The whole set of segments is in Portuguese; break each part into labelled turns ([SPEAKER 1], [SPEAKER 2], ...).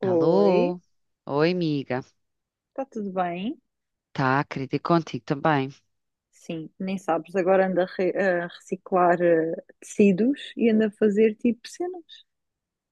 [SPEAKER 1] Oi,
[SPEAKER 2] Alô? Oi, amiga.
[SPEAKER 1] está tudo bem?
[SPEAKER 2] Tá, querida, e contigo também.
[SPEAKER 1] Sim, nem sabes, agora ando a reciclar tecidos e ando a fazer tipo cenas.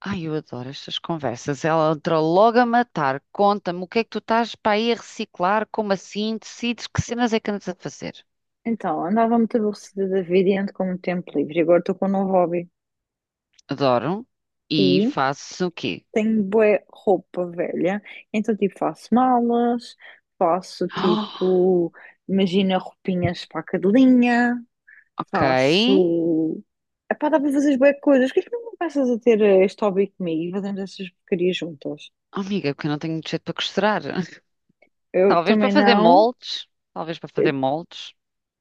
[SPEAKER 2] Ai, eu adoro estas conversas. Ela entrou logo a matar. Conta-me o que é que tu estás para aí a reciclar? Como assim? Decides que cenas é que andas a fazer?
[SPEAKER 1] Então, andava muito aborrecida da vida e ando com muito tempo livre, e agora estou com um novo hobby.
[SPEAKER 2] Adoro. E
[SPEAKER 1] E
[SPEAKER 2] faço o quê?
[SPEAKER 1] tenho bué roupa velha, então tipo faço malas, faço
[SPEAKER 2] Ah,
[SPEAKER 1] tipo, imagina roupinhas para a cadelinha,
[SPEAKER 2] ok.
[SPEAKER 1] faço... Epá, dá para fazer bué coisas, o que é que não começas a ter este hobby comigo e fazemos essas porcarias juntas?
[SPEAKER 2] Oh, amiga, é porque eu não tenho jeito para costurar.
[SPEAKER 1] Eu
[SPEAKER 2] Talvez para
[SPEAKER 1] também
[SPEAKER 2] fazer
[SPEAKER 1] não.
[SPEAKER 2] moldes. Talvez para
[SPEAKER 1] Eu
[SPEAKER 2] fazer moldes.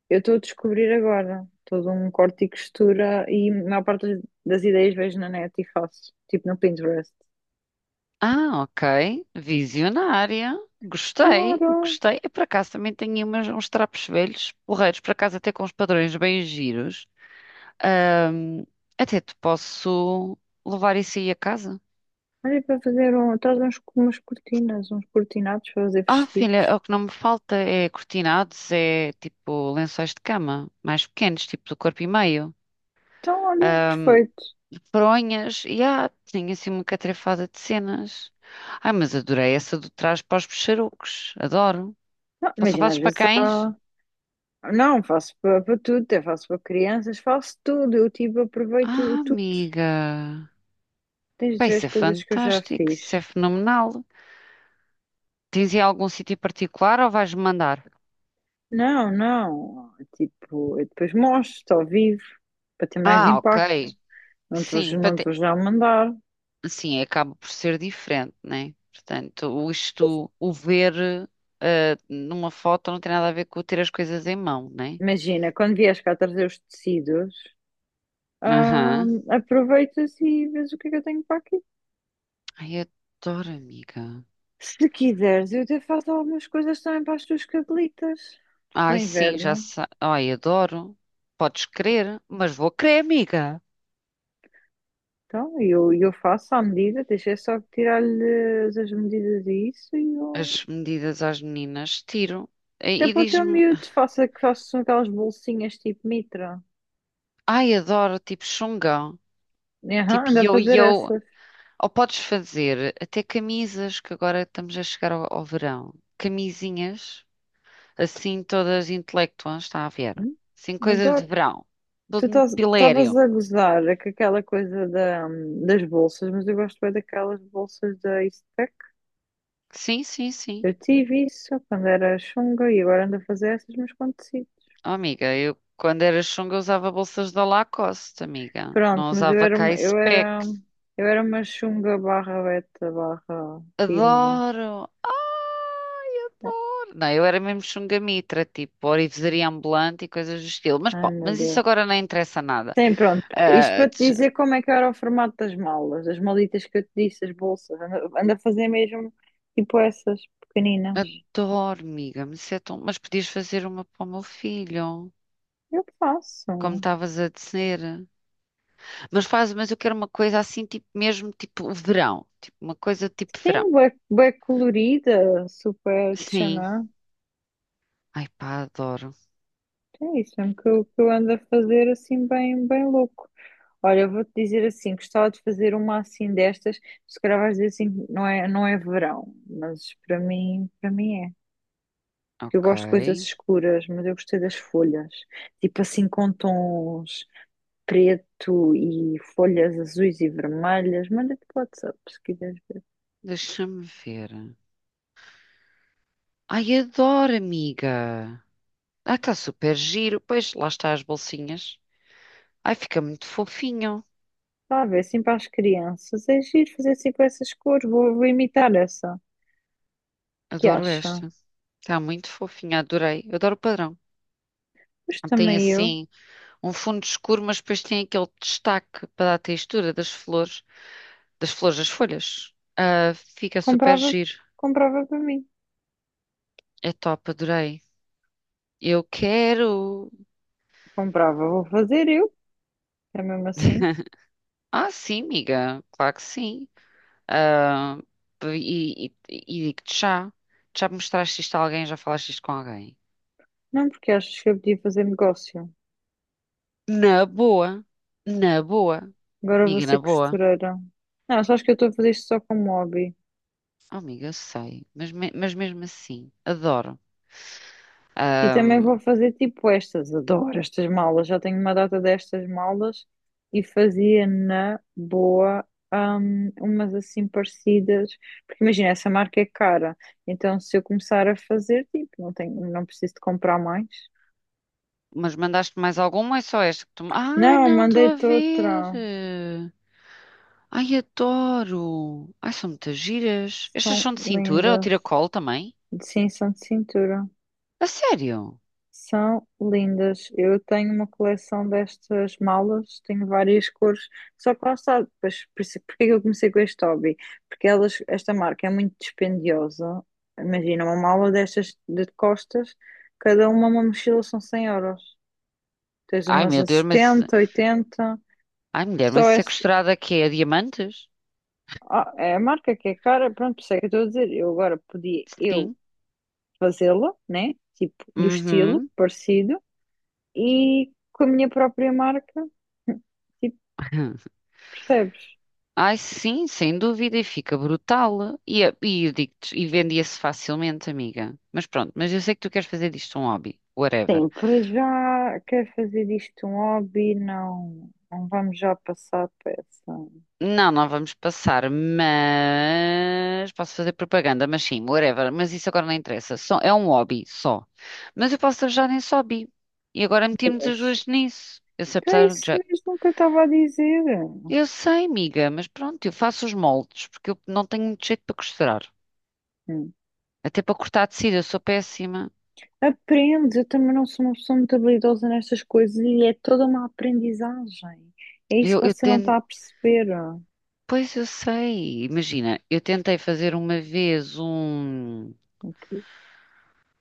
[SPEAKER 1] estou a descobrir agora. Todo um corte e costura e a maior parte das ideias vejo na net e faço. Tipo no Pinterest.
[SPEAKER 2] Ah, ok. Visionária. Gostei,
[SPEAKER 1] Claro!
[SPEAKER 2] gostei. E por acaso, também tenho uns trapos velhos, porreiros, por acaso, até com os padrões bem giros. Ahm, Até te posso levar isso aí a casa.
[SPEAKER 1] Olha para fazer um, traz uns, umas cortinas, uns cortinados para fazer
[SPEAKER 2] Ah, filha, é
[SPEAKER 1] vestidos.
[SPEAKER 2] o que não me falta é cortinados, é tipo lençóis de cama, mais pequenos, tipo do corpo e meio.
[SPEAKER 1] Então, olha, perfeito.
[SPEAKER 2] Fronhas, e tinha assim uma catrefada de cenas. Ai, mas adorei essa do trás para os peixarucos, adoro.
[SPEAKER 1] Não,
[SPEAKER 2] Só
[SPEAKER 1] imagina,
[SPEAKER 2] fazes
[SPEAKER 1] às
[SPEAKER 2] para
[SPEAKER 1] vezes
[SPEAKER 2] cães?
[SPEAKER 1] há. Não, faço para tudo, até faço para crianças, faço tudo. Eu tipo aproveito
[SPEAKER 2] Ah,
[SPEAKER 1] tudo.
[SPEAKER 2] amiga.
[SPEAKER 1] Tens
[SPEAKER 2] Pá,
[SPEAKER 1] de ver as
[SPEAKER 2] isso é
[SPEAKER 1] coisas que eu já
[SPEAKER 2] fantástico, isso
[SPEAKER 1] fiz.
[SPEAKER 2] é fenomenal. Tens aí algum sítio particular ou vais mandar?
[SPEAKER 1] Não, não. Tipo, eu depois mostro ao vivo para ter mais
[SPEAKER 2] Ah, ok.
[SPEAKER 1] impacto. Não te vou,
[SPEAKER 2] Sim, para
[SPEAKER 1] não te
[SPEAKER 2] te-
[SPEAKER 1] vou já mandar.
[SPEAKER 2] sim, acaba por ser diferente, né? Portanto, o ver numa foto não tem nada a ver com ter as coisas em mão, né?
[SPEAKER 1] Imagina, quando vieres cá trazer os tecidos,
[SPEAKER 2] Aham.
[SPEAKER 1] aproveitas e vês o que é que eu tenho para aqui.
[SPEAKER 2] Ai, adoro, amiga.
[SPEAKER 1] Se quiseres, eu até faço algumas coisas também para as tuas cabelitas. Para o
[SPEAKER 2] Ai, sim, já
[SPEAKER 1] inverno.
[SPEAKER 2] sei. Ai, adoro. Podes querer, mas vou querer, amiga.
[SPEAKER 1] Então, eu faço à medida, deixa eu só tirar-lhe as medidas e isso e eu.
[SPEAKER 2] As medidas às meninas, tiro. E,
[SPEAKER 1] Até
[SPEAKER 2] e
[SPEAKER 1] para o teu
[SPEAKER 2] diz-me.
[SPEAKER 1] miúdo, faça que façam aquelas bolsinhas tipo mitra.
[SPEAKER 2] Ai, adoro, tipo Xungão,
[SPEAKER 1] Aham,
[SPEAKER 2] tipo
[SPEAKER 1] anda a fazer
[SPEAKER 2] yo-yo.
[SPEAKER 1] essas.
[SPEAKER 2] Ou podes fazer até camisas, que agora estamos a chegar ao verão. Camisinhas, assim todas intelectuais, está a ver?
[SPEAKER 1] Hum.
[SPEAKER 2] Assim, coisas de
[SPEAKER 1] Adoro.
[SPEAKER 2] verão.
[SPEAKER 1] Tu
[SPEAKER 2] Todo muito
[SPEAKER 1] estavas
[SPEAKER 2] pilério.
[SPEAKER 1] a gozar com aquela coisa da, das bolsas, mas eu gosto bem daquelas bolsas da Eastpak.
[SPEAKER 2] Sim, sim, sim.
[SPEAKER 1] Eu tive isso quando era chunga e agora ando a fazer essas, mas quando consigo.
[SPEAKER 2] Oh, amiga, eu quando era Xunga usava bolsas da Lacoste, amiga.
[SPEAKER 1] Pronto,
[SPEAKER 2] Não
[SPEAKER 1] mas eu
[SPEAKER 2] usava
[SPEAKER 1] era, uma- eu
[SPEAKER 2] K-Spec.
[SPEAKER 1] era, eu era uma chunga barra beta barra pímola.
[SPEAKER 2] Adoro! Ai, adoro! Não, eu era mesmo chungamitra, tipo orivesaria ambulante e coisas do estilo. Mas
[SPEAKER 1] Ai,
[SPEAKER 2] bom,
[SPEAKER 1] meu
[SPEAKER 2] mas isso
[SPEAKER 1] Deus.
[SPEAKER 2] agora não interessa nada.
[SPEAKER 1] Sim, pronto. Isto
[SPEAKER 2] Ah,
[SPEAKER 1] para te
[SPEAKER 2] tch-
[SPEAKER 1] dizer como é que era o formato das malas, as malitas que eu te disse, as bolsas. Anda, anda a fazer mesmo tipo essas pequeninas.
[SPEAKER 2] Adoro, amiga, mas isso é tão… mas podias fazer uma para o meu filho,
[SPEAKER 1] Eu
[SPEAKER 2] como
[SPEAKER 1] faço.
[SPEAKER 2] estavas a dizer. Mas faz, mas eu quero uma coisa assim, tipo mesmo, tipo verão. Tipo uma coisa tipo verão.
[SPEAKER 1] Sim, bué, bué colorida, super
[SPEAKER 2] Sim.
[SPEAKER 1] tchaná.
[SPEAKER 2] Ai pá, adoro.
[SPEAKER 1] É isso mesmo que eu ando a fazer assim bem, bem louco. Olha, eu vou-te dizer assim, gostava de fazer uma assim destas, se calhar vais dizer assim, não é, não é verão, mas para mim é. Eu
[SPEAKER 2] Ok.
[SPEAKER 1] gosto de coisas escuras, mas eu gostei das folhas, tipo assim com tons preto e folhas azuis e vermelhas. Manda-te pelo WhatsApp se quiseres ver.
[SPEAKER 2] Deixa-me ver. Ai, adoro, amiga. Ah, está super giro. Pois, lá está as bolsinhas. Ai, fica muito fofinho.
[SPEAKER 1] Está a ver, assim para as crianças, é giro fazer assim com essas cores, vou imitar essa. Que
[SPEAKER 2] Adoro
[SPEAKER 1] acha?
[SPEAKER 2] esta. Está muito fofinha, adorei. Eu adoro o padrão.
[SPEAKER 1] Mas
[SPEAKER 2] Tem
[SPEAKER 1] também eu
[SPEAKER 2] assim um fundo escuro, mas depois tem aquele destaque para dar a textura das flores, das flores das folhas. Ah, fica super
[SPEAKER 1] comprava,
[SPEAKER 2] giro.
[SPEAKER 1] comprava para mim.
[SPEAKER 2] É top, adorei. Eu quero.
[SPEAKER 1] Comprava, vou fazer eu, é mesmo assim.
[SPEAKER 2] Ah, sim, amiga, claro que sim. Ah, e digo-te já. Já mostraste isto a alguém? Já falaste isto com alguém?
[SPEAKER 1] Não, porque achas que eu podia fazer negócio.
[SPEAKER 2] Na boa, na boa,
[SPEAKER 1] Agora vou
[SPEAKER 2] amiga,
[SPEAKER 1] ser
[SPEAKER 2] na boa.
[SPEAKER 1] costureira. Não, só acho que eu estou a fazer isto só como hobby.
[SPEAKER 2] Oh, amiga, eu sei, mas mesmo assim, adoro.
[SPEAKER 1] E também
[SPEAKER 2] Ahm,
[SPEAKER 1] vou fazer tipo estas. Adoro estas malas. Já tenho uma data destas malas e fazia na boa. Umas assim parecidas, porque imagina, essa marca é cara, então se eu começar a fazer, tipo, não tenho, não preciso de comprar mais.
[SPEAKER 2] mas mandaste mais alguma ou é só esta que tu. Ai,
[SPEAKER 1] Não,
[SPEAKER 2] não, estou a
[SPEAKER 1] mandei-te
[SPEAKER 2] ver.
[SPEAKER 1] outra.
[SPEAKER 2] Ai, adoro. Ai, são muitas giras. Estas
[SPEAKER 1] São
[SPEAKER 2] são de cintura ou
[SPEAKER 1] lindas.
[SPEAKER 2] tiracolo também?
[SPEAKER 1] Sim, são de cintura.
[SPEAKER 2] A sério?
[SPEAKER 1] São lindas. Eu tenho uma coleção destas malas, tenho várias cores. Só que lá está, depois, por isso- porque é que eu comecei com este hobby? Porque elas, esta marca é muito dispendiosa. Imagina, uma mala destas de costas, cada uma mochila são 100 euros. Tens
[SPEAKER 2] Ai,
[SPEAKER 1] umas
[SPEAKER 2] meu
[SPEAKER 1] a
[SPEAKER 2] Deus, mas.
[SPEAKER 1] 70, 80.
[SPEAKER 2] Ai, mulher, mas
[SPEAKER 1] Só é,
[SPEAKER 2] isso é costurada que é a diamantes?
[SPEAKER 1] ah, é a marca que é cara, pronto, por isso é que eu estou a dizer. Eu agora podia, eu
[SPEAKER 2] Sim.
[SPEAKER 1] fazê-la, né? Tipo, do estilo
[SPEAKER 2] Uhum.
[SPEAKER 1] parecido e com a minha própria marca, tipo, percebes?
[SPEAKER 2] Ai, sim, sem dúvida, e fica brutal. E eu digo-te, e vendia-se facilmente, amiga. Mas pronto, mas eu sei que tu queres fazer disto um hobby, whatever.
[SPEAKER 1] Sim, para já quer fazer disto um hobby, não, não vamos já passar para essa.
[SPEAKER 2] Não, não vamos passar, mas posso fazer propaganda, mas sim, whatever. Mas isso agora não interessa, só, é um hobby só. Mas eu posso trabalhar nesse hobby. E agora metemos as
[SPEAKER 1] Yes.
[SPEAKER 2] duas nisso. Eu sei,
[SPEAKER 1] Então é
[SPEAKER 2] apesar de
[SPEAKER 1] isso
[SPEAKER 2] já.
[SPEAKER 1] mesmo que eu estava a dizer.
[SPEAKER 2] Eu sei, amiga, mas pronto, eu faço os moldes, porque eu não tenho muito jeito para costurar.
[SPEAKER 1] Hum.
[SPEAKER 2] Até para cortar tecido, eu sou péssima.
[SPEAKER 1] Aprende, eu também não sou uma pessoa muito habilidosa nestas coisas e é toda uma aprendizagem. É isso que
[SPEAKER 2] Eu
[SPEAKER 1] você não está
[SPEAKER 2] tento.
[SPEAKER 1] a perceber.
[SPEAKER 2] Pois eu sei, imagina, eu tentei fazer uma vez um.
[SPEAKER 1] Ok.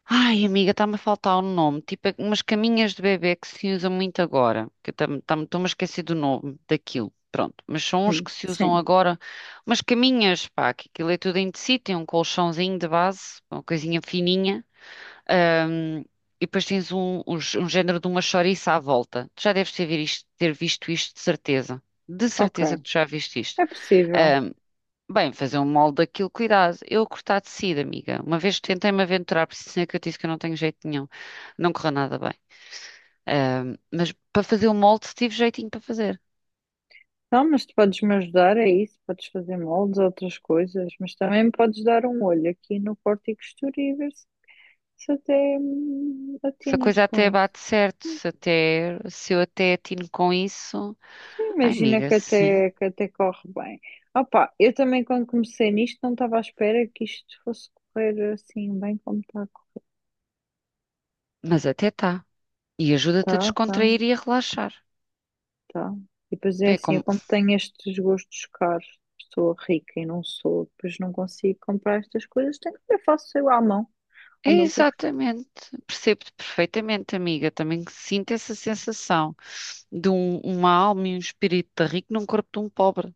[SPEAKER 2] Ai, amiga, está-me a faltar o nome, tipo é umas caminhas de bebê que se usam muito agora, que eu estou-me a esquecer do nome daquilo, pronto, mas são uns
[SPEAKER 1] Hum.
[SPEAKER 2] que se usam
[SPEAKER 1] Sim,
[SPEAKER 2] agora, umas caminhas, pá, que aquilo é tudo em tecido, tem um colchãozinho de base, uma coisinha fininha, ahm, e depois tens um género de uma chouriça à volta. Tu já deves ter visto isto, de certeza
[SPEAKER 1] ok.
[SPEAKER 2] que tu já viste isto.
[SPEAKER 1] É possível.
[SPEAKER 2] Hum, Bem, fazer um molde daquilo, cuidado. Eu a cortar tecido, amiga. Uma vez tentei-me aventurar, por isso é que eu disse que eu não tenho jeito nenhum. Não correu nada bem. Mas para fazer o molde tive jeitinho para fazer.
[SPEAKER 1] Não, mas tu podes me ajudar, é isso. Podes fazer moldes, outras coisas, mas também me podes dar um olho aqui no corte e costura e ver se até
[SPEAKER 2] Se a
[SPEAKER 1] atinas
[SPEAKER 2] coisa
[SPEAKER 1] com
[SPEAKER 2] até
[SPEAKER 1] isso.
[SPEAKER 2] bate certo, se eu até atino com isso.
[SPEAKER 1] Sim,
[SPEAKER 2] Ai,
[SPEAKER 1] imagina
[SPEAKER 2] amiga,
[SPEAKER 1] que
[SPEAKER 2] sim.
[SPEAKER 1] até, que até corre bem. Opa, eu também quando comecei nisto não estava à espera que isto fosse correr assim bem como está a correr.
[SPEAKER 2] Mas até tá. E ajuda-te a
[SPEAKER 1] Tá, tá,
[SPEAKER 2] descontrair e a relaxar.
[SPEAKER 1] tá. E depois é
[SPEAKER 2] É
[SPEAKER 1] assim, eu
[SPEAKER 2] como…
[SPEAKER 1] como tenho estes gostos caros, sou rica e não sou, depois não consigo comprar estas coisas, tenho que eu faço eu à mão,
[SPEAKER 2] é
[SPEAKER 1] ao meu gosto.
[SPEAKER 2] exatamente. Percebo-te perfeitamente, amiga. Também sinto essa sensação uma alma e um espírito de rico num corpo de um pobre.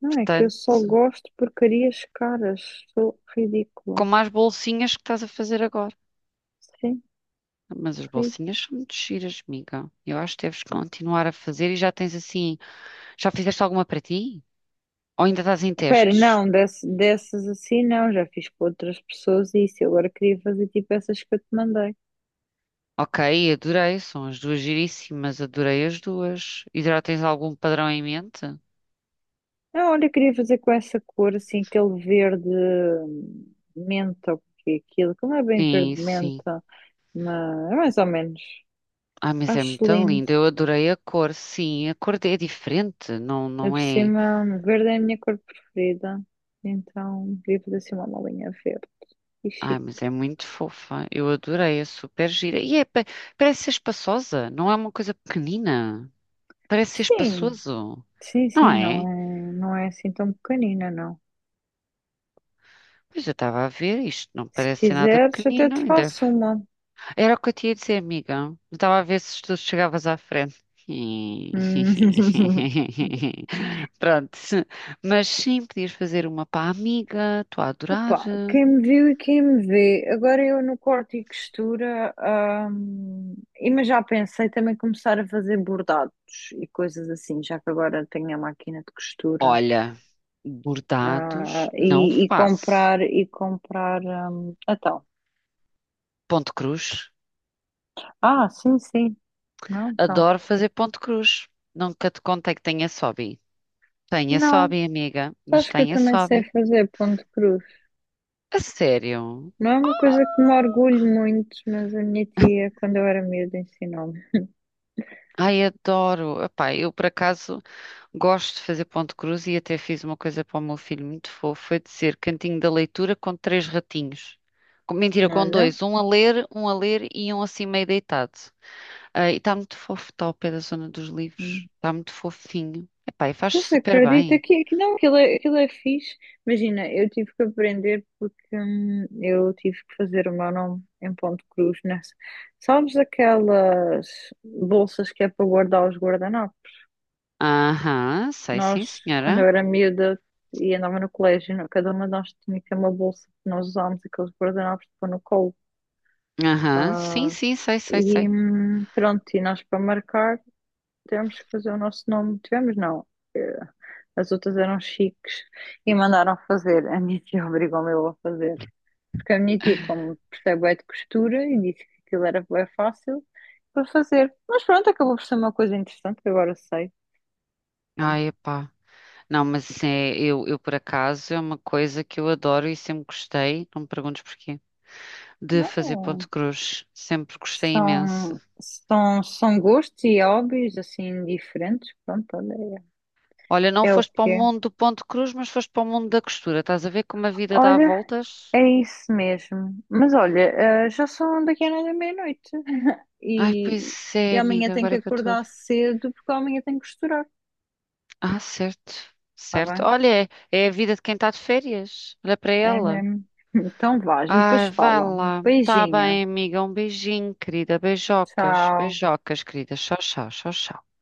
[SPEAKER 1] Não, é que eu
[SPEAKER 2] Portanto,
[SPEAKER 1] só gosto de porcarias caras. Sou ridícula.
[SPEAKER 2] como as bolsinhas que estás a fazer agora.
[SPEAKER 1] Sim,
[SPEAKER 2] Mas as
[SPEAKER 1] ridícula.
[SPEAKER 2] bolsinhas são muito giras, amiga. Eu acho que deves continuar a fazer e já tens assim. Já fizeste alguma para ti? Ou ainda estás em
[SPEAKER 1] Pera,
[SPEAKER 2] testes?
[SPEAKER 1] não, dessas assim não. Já fiz com outras pessoas e isso. Eu agora queria fazer tipo essas que eu te mandei.
[SPEAKER 2] Ok, adorei. São as duas giríssimas. Adorei as duas. E já tens algum padrão em mente?
[SPEAKER 1] Não, olha, eu queria fazer com essa cor, assim, aquele verde menta, ou que é aquilo, que não é bem verde
[SPEAKER 2] Sim, sim.
[SPEAKER 1] menta, mas é mais ou menos.
[SPEAKER 2] Ah, mas é
[SPEAKER 1] Acho
[SPEAKER 2] muito
[SPEAKER 1] lindo.
[SPEAKER 2] linda. Eu adorei a cor. Sim, a cor é diferente. Não,
[SPEAKER 1] Ainda
[SPEAKER 2] não
[SPEAKER 1] por
[SPEAKER 2] é.
[SPEAKER 1] cima, verde é a minha cor preferida. Então, queria fazer assim uma malinha verde. E
[SPEAKER 2] Ah,
[SPEAKER 1] chique.
[SPEAKER 2] mas é muito fofa. Eu adorei. É super gira. Parece ser espaçosa. Não é uma coisa pequenina. Parece ser
[SPEAKER 1] Sim.
[SPEAKER 2] espaçoso,
[SPEAKER 1] Sim,
[SPEAKER 2] não
[SPEAKER 1] sim, não
[SPEAKER 2] é?
[SPEAKER 1] é, não é assim tão pequenina, não.
[SPEAKER 2] Pois eu estava a ver isto, não
[SPEAKER 1] Se
[SPEAKER 2] parece ser nada
[SPEAKER 1] quiseres, até
[SPEAKER 2] pequenino
[SPEAKER 1] te
[SPEAKER 2] ainda.
[SPEAKER 1] faço uma.
[SPEAKER 2] É era o que eu te ia dizer, amiga. Eu estava a ver se tu chegavas à frente.
[SPEAKER 1] Hum.
[SPEAKER 2] Pronto, mas sim, podias fazer uma para a amiga, estou a adorar.
[SPEAKER 1] Opa, quem me viu e quem me vê. Agora eu no corte e costura, e mas já pensei também começar a fazer bordados e coisas assim, já que agora tenho a máquina de costura.
[SPEAKER 2] Olha,
[SPEAKER 1] Ah,
[SPEAKER 2] bordados
[SPEAKER 1] e,
[SPEAKER 2] não
[SPEAKER 1] e
[SPEAKER 2] faço.
[SPEAKER 1] comprar, e comprar, então.
[SPEAKER 2] Ponto cruz.
[SPEAKER 1] Ah, sim, sim. Não, então.
[SPEAKER 2] Adoro fazer ponto cruz. Nunca te contei que tenho esse hobby. Tenho esse
[SPEAKER 1] Não,
[SPEAKER 2] hobby, amiga, mas
[SPEAKER 1] acho que eu
[SPEAKER 2] tenho esse
[SPEAKER 1] também
[SPEAKER 2] hobby.
[SPEAKER 1] sei fazer ponto cruz.
[SPEAKER 2] A sério?
[SPEAKER 1] Não é uma coisa que me orgulho muito, mas a minha tia, quando eu era miúda, ensinou-me.
[SPEAKER 2] Ai, adoro. Epá, eu por acaso gosto de fazer ponto de cruz e até fiz uma coisa para o meu filho muito fofo, foi dizer cantinho da leitura com três ratinhos. Com- mentira, com
[SPEAKER 1] Olha,
[SPEAKER 2] dois, um a ler e um assim meio deitado. Ah, e está muito fofo, está ao pé da zona dos livros.
[SPEAKER 1] hum,
[SPEAKER 2] Está muito fofinho. Epá, e faz
[SPEAKER 1] pois
[SPEAKER 2] super
[SPEAKER 1] acredita
[SPEAKER 2] bem.
[SPEAKER 1] que não, aquilo é fixe. Imagina, eu tive que aprender porque eu tive que fazer o meu nome em ponto cruz nessa. Sabes aquelas bolsas que é para guardar os guardanapos?
[SPEAKER 2] Aham, sei sim,
[SPEAKER 1] Nós, quando eu
[SPEAKER 2] senhora.
[SPEAKER 1] era miúda e andava no colégio, não- cada uma de nós tinha que ter uma bolsa que nós usámos aqueles guardanapos para pôr no colo.
[SPEAKER 2] Aham, sim,
[SPEAKER 1] Ah,
[SPEAKER 2] sim, sei, sei,
[SPEAKER 1] e
[SPEAKER 2] sei.
[SPEAKER 1] pronto, e nós para marcar tivemos que fazer o nosso nome. Tivemos, não. eh, As outras eram chiques e mandaram fazer. A minha tia obrigou-me eu a fazer. Porque a minha tia, como percebe é de costura, e disse que aquilo era bem fácil para fazer. Mas pronto, acabou por ser uma coisa interessante, que agora sei.
[SPEAKER 2] Ai,
[SPEAKER 1] Pronto.
[SPEAKER 2] epá. Não, mas assim, é, eu por acaso é uma coisa que eu adoro e sempre gostei. Não me perguntes porquê. De fazer Ponte
[SPEAKER 1] Não,
[SPEAKER 2] Cruz. Sempre gostei imenso.
[SPEAKER 1] são gostos e hobbies assim diferentes. Pronto, olha,
[SPEAKER 2] Olha,
[SPEAKER 1] é,
[SPEAKER 2] não
[SPEAKER 1] é o
[SPEAKER 2] foste para o
[SPEAKER 1] que é.
[SPEAKER 2] mundo do Ponte Cruz, mas foste para o mundo da costura. Estás a ver como a vida dá
[SPEAKER 1] Olha,
[SPEAKER 2] voltas?
[SPEAKER 1] é isso mesmo. Mas olha, já são daqui a nada meia-noite.
[SPEAKER 2] Ai,
[SPEAKER 1] E,
[SPEAKER 2] pois
[SPEAKER 1] e
[SPEAKER 2] é,
[SPEAKER 1] amanhã
[SPEAKER 2] amiga,
[SPEAKER 1] tenho que
[SPEAKER 2] agora é que eu estou a
[SPEAKER 1] acordar
[SPEAKER 2] ver.
[SPEAKER 1] cedo porque amanhã tenho que costurar.
[SPEAKER 2] Ah, certo,
[SPEAKER 1] Tá
[SPEAKER 2] certo.
[SPEAKER 1] bem?
[SPEAKER 2] Olha, é a vida de quem está de férias. Olha para
[SPEAKER 1] É
[SPEAKER 2] ela.
[SPEAKER 1] mesmo. Então vá, a gente depois
[SPEAKER 2] Ai, vai
[SPEAKER 1] fala.
[SPEAKER 2] lá. Tá
[SPEAKER 1] Beijinho.
[SPEAKER 2] bem, amiga. Um beijinho, querida. Beijocas,
[SPEAKER 1] Tchau.
[SPEAKER 2] beijocas, querida. Tchau, tchau, tchau, tchau.